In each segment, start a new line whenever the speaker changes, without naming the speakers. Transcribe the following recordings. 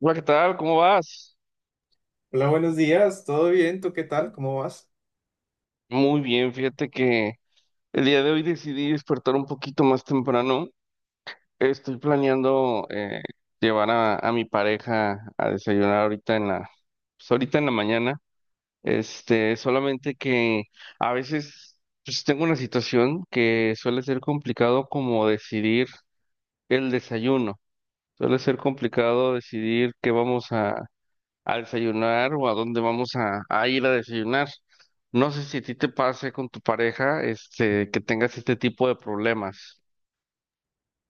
Hola, ¿qué tal? ¿Cómo vas?
Hola, buenos días, ¿todo bien? ¿Tú qué tal? ¿Cómo vas?
Muy bien, fíjate que el día de hoy decidí despertar un poquito más temprano. Estoy planeando llevar a mi pareja a desayunar ahorita en pues, ahorita en la mañana. Este, solamente que a veces pues, tengo una situación que suele ser complicado como decidir el desayuno. Suele ser complicado decidir qué vamos a desayunar o a dónde vamos a ir a desayunar. No sé si a ti te pase con tu pareja, este, que tengas este tipo de problemas.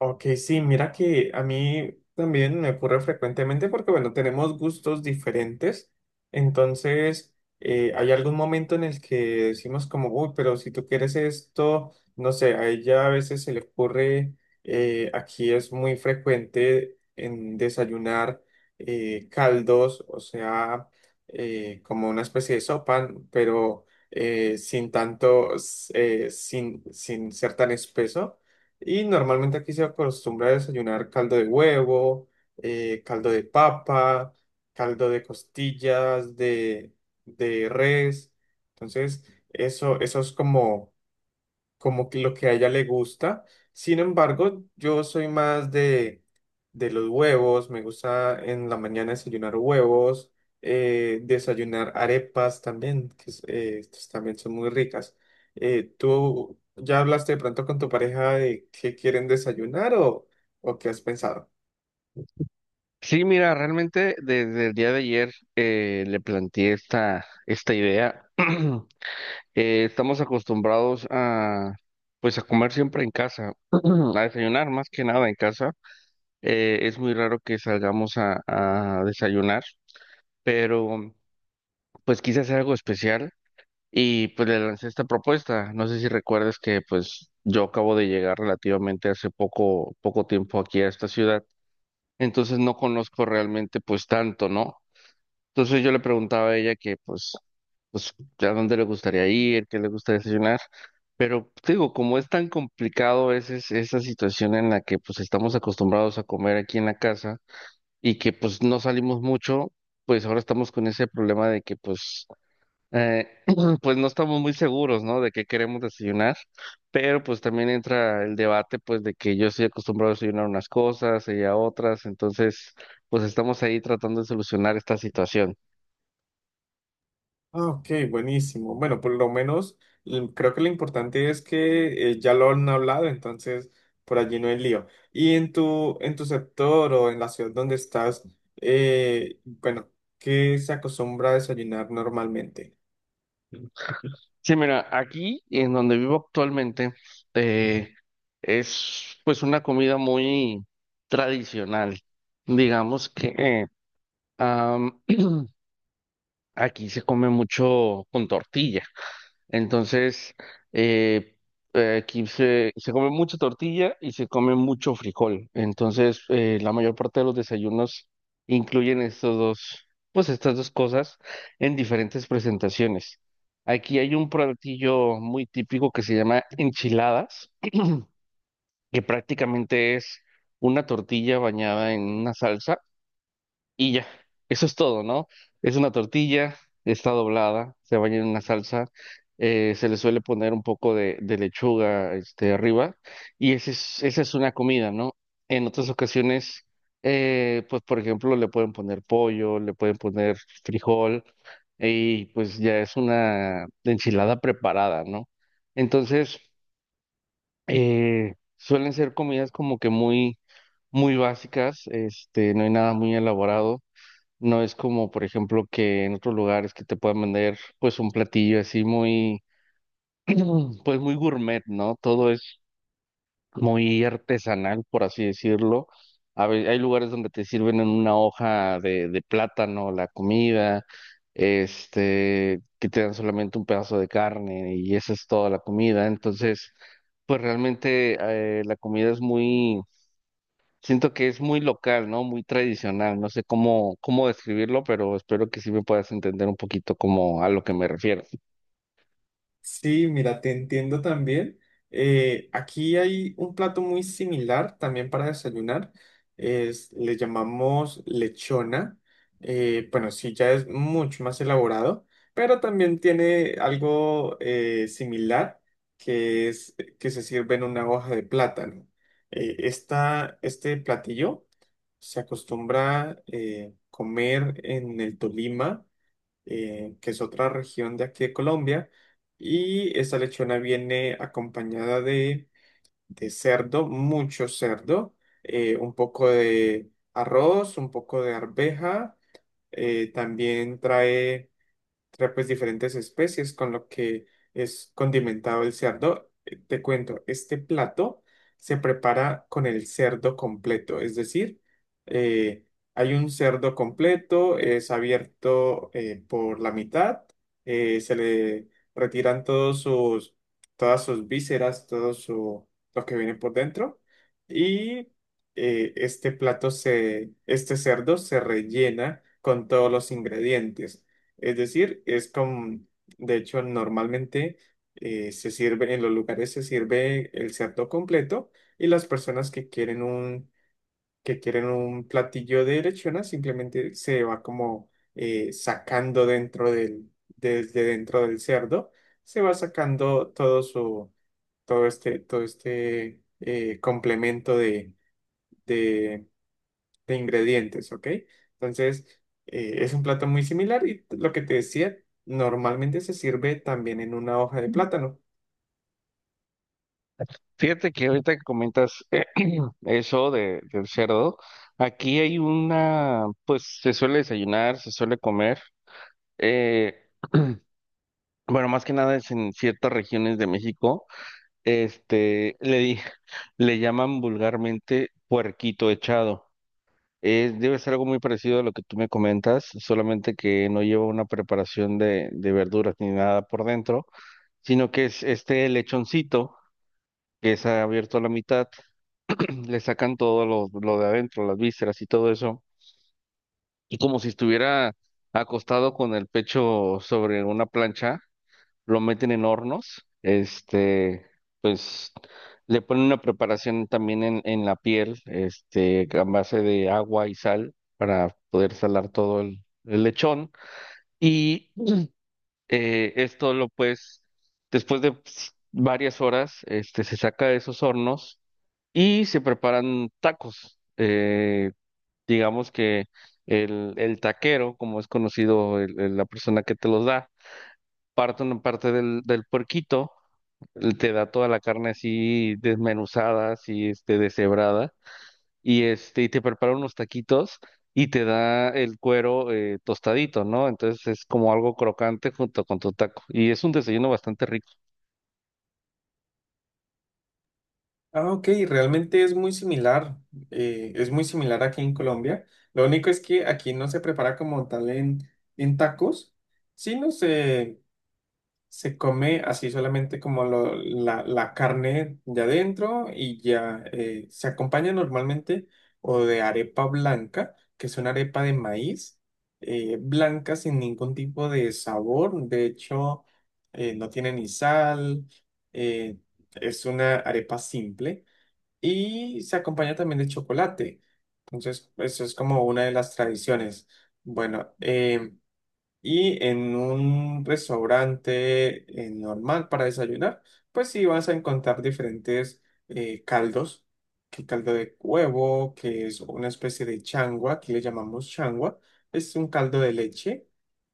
Ok, sí, mira que a mí también me ocurre frecuentemente porque, bueno, tenemos gustos diferentes. Entonces, hay algún momento en el que decimos como, uy, pero si tú quieres esto, no sé, a ella a veces se le ocurre, aquí es muy frecuente en desayunar caldos, o sea, como una especie de sopa, pero sin tanto, sin ser tan espeso. Y normalmente aquí se acostumbra a desayunar caldo de huevo, caldo de papa, caldo de costillas, de res. Entonces, eso es como como que lo que a ella le gusta. Sin embargo, yo soy más de los huevos, me gusta en la mañana desayunar huevos, desayunar arepas también, estas también son muy ricas. ¿Tú ya hablaste de pronto con tu pareja de qué quieren desayunar o qué has pensado?
Sí, mira, realmente desde el día de ayer le planteé esta idea. Estamos acostumbrados pues, a comer siempre en casa, a desayunar más que nada en casa. Es muy raro que salgamos a desayunar, pero pues quise hacer algo especial. Y pues le lancé esta propuesta. No sé si recuerdas que pues yo acabo de llegar relativamente hace poco, poco tiempo aquí a esta ciudad, entonces no conozco realmente pues tanto, ¿no? Entonces yo le preguntaba a ella pues a dónde le gustaría ir, qué le gusta desayunar, pero te digo, como es tan complicado a veces esa situación en la que pues estamos acostumbrados a comer aquí en la casa y que pues no salimos mucho, pues ahora estamos con ese problema de que pues eh, pues no estamos muy seguros, ¿no? De qué queremos desayunar, pero pues también entra el debate, pues de que yo estoy acostumbrado a desayunar unas cosas, ella otras, entonces, pues estamos ahí tratando de solucionar esta situación.
Ah, ok, buenísimo. Bueno, por lo menos creo que lo importante es que ya lo han hablado, entonces por allí no hay lío. Y en tu sector o en la ciudad donde estás, bueno, ¿qué se acostumbra a desayunar normalmente?
Sí, mira, aquí en donde vivo actualmente, eh, es pues una comida muy tradicional. Digamos que am, aquí se come mucho con tortilla. Entonces, eh, aquí se come mucha tortilla y se come mucho frijol. Entonces, la mayor parte de los desayunos incluyen estos dos, pues estas dos cosas en diferentes presentaciones. Aquí hay un platillo muy típico que se llama enchiladas, que prácticamente es una tortilla bañada en una salsa y ya, eso es todo, ¿no? Es una tortilla, está doblada, se baña en una salsa, se le suele poner un poco de lechuga, este, arriba, y esa es una comida, ¿no? En otras ocasiones, pues por ejemplo, le pueden poner pollo, le pueden poner frijol, y pues ya es una enchilada preparada, ¿no? Entonces, suelen ser comidas como que muy básicas, este, no hay nada muy elaborado. No es como, por ejemplo, que en otros lugares que te puedan vender pues un platillo así pues muy gourmet, ¿no? Todo es muy artesanal, por así decirlo. Hay lugares donde te sirven en una hoja de plátano la comida, este, que te dan solamente un pedazo de carne y esa es toda la comida. Entonces, pues realmente la comida es muy. Siento que es muy local, ¿no? Muy tradicional. No sé cómo describirlo, pero espero que sí me puedas entender un poquito como a lo que me refiero.
Sí, mira, te entiendo también. Aquí hay un plato muy similar también para desayunar. Es, le llamamos lechona. Bueno, sí, ya es mucho más elaborado, pero también tiene algo similar que es que se sirve en una hoja de plátano. Este platillo se acostumbra comer en el Tolima, que es otra región de aquí de Colombia. Y esa lechona viene acompañada de cerdo, mucho cerdo, un poco de arroz, un poco de arveja, también trae pues diferentes especies con lo que es condimentado el cerdo. Te cuento, este plato se prepara con el cerdo completo, es decir, eh, hay un cerdo completo, es abierto por la mitad, se le retiran todos sus, todas sus vísceras, todo su, lo que viene por dentro y este plato se, este cerdo se rellena con todos los ingredientes. Es decir, es como, de hecho, normalmente se sirve, en los lugares se sirve el cerdo completo y las personas que quieren un platillo de lechona simplemente se va como sacando dentro del, desde dentro del cerdo, se va sacando todo su, todo este, todo este complemento de, de ingredientes, ¿ok? Entonces, es un plato muy similar y lo que te decía, normalmente se sirve también en una hoja de plátano.
Fíjate que ahorita que comentas eso del cerdo, aquí hay una, pues se suele desayunar, se suele comer. eh, bueno, más que nada es en ciertas regiones de México. Este, le, di- Le llaman vulgarmente puerquito echado. Debe ser algo muy parecido a lo que tú me comentas, solamente que no lleva una preparación de verduras ni nada por dentro, sino que es este lechoncito que es abierto a la mitad, le sacan todo lo de adentro, las vísceras y todo eso, y como si estuviera acostado con el pecho sobre una plancha lo meten en hornos, este, pues le ponen una preparación también en la piel, este, a base de agua y sal para poder salar todo el lechón. Y esto lo pues, después de pues, varias horas, este, se saca de esos hornos y se preparan tacos. Digamos que el taquero, como es conocido la persona que te los da, parten parte del puerquito, te da toda la carne así desmenuzada, así este, deshebrada, y este, y te prepara unos taquitos y te da el cuero tostadito, ¿no? Entonces es como algo crocante junto con tu taco. Y es un desayuno bastante rico.
Ah, ok, realmente es muy similar aquí en Colombia. Lo único es que aquí no se prepara como tal en tacos, sino se, se come así solamente como la, la carne de adentro y ya, se acompaña normalmente o de arepa blanca, que es una arepa de maíz blanca sin ningún tipo de sabor. De hecho, no tiene ni sal, eh, es una arepa simple y se acompaña también de chocolate. Entonces, eso es como una de las tradiciones. Bueno, y en un restaurante normal para desayunar, pues sí vas a encontrar diferentes caldos, que caldo de huevo, que es una especie de changua, aquí le llamamos changua, es un caldo de leche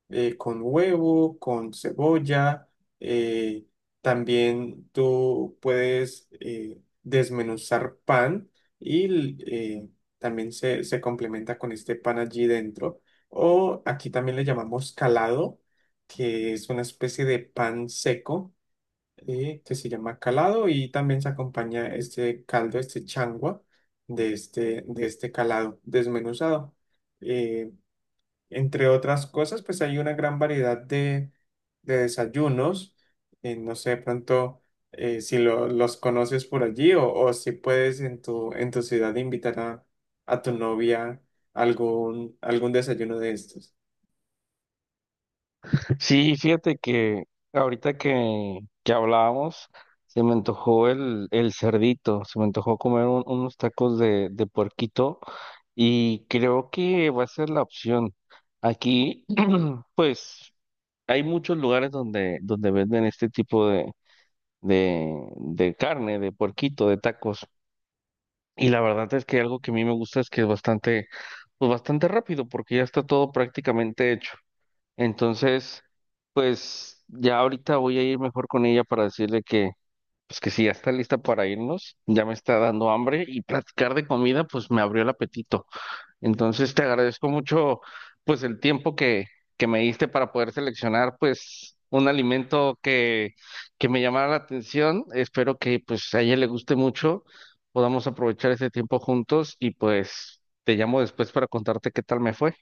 con huevo, con cebolla. eh, También tú puedes desmenuzar pan y también se complementa con este pan allí dentro. O aquí también le llamamos calado, que es una especie de pan seco que se llama calado y también se acompaña este caldo, este changua de este calado desmenuzado. Eh, Entre otras cosas, pues hay una gran variedad de desayunos. No sé, de pronto si los conoces por allí o si puedes en tu ciudad invitar a tu novia a algún, algún desayuno de estos.
Sí, fíjate que ahorita que hablábamos, se me antojó el cerdito, se me antojó comer unos tacos de puerquito, y creo que va a ser la opción. Aquí, pues. Hay muchos lugares donde, donde venden este tipo de carne, de puerquito, de tacos. Y la verdad es que algo que a mí me gusta es que es bastante, pues bastante rápido, porque ya está todo prácticamente hecho. Entonces, pues ya ahorita voy a ir mejor con ella para decirle que, pues que si ya está lista para irnos, ya me está dando hambre y platicar de comida, pues me abrió el apetito. Entonces te agradezco mucho pues el tiempo que me diste para poder seleccionar pues un alimento que me llamara la atención. Espero que pues a ella le guste mucho, podamos aprovechar ese tiempo juntos y pues te llamo después para contarte qué tal me fue.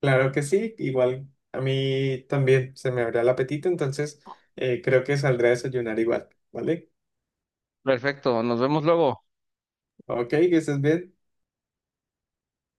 Claro que sí, igual a mí también se me abrirá el apetito, entonces creo que saldré a desayunar igual, ¿vale?
Perfecto, nos vemos luego.
Ok, que estés bien.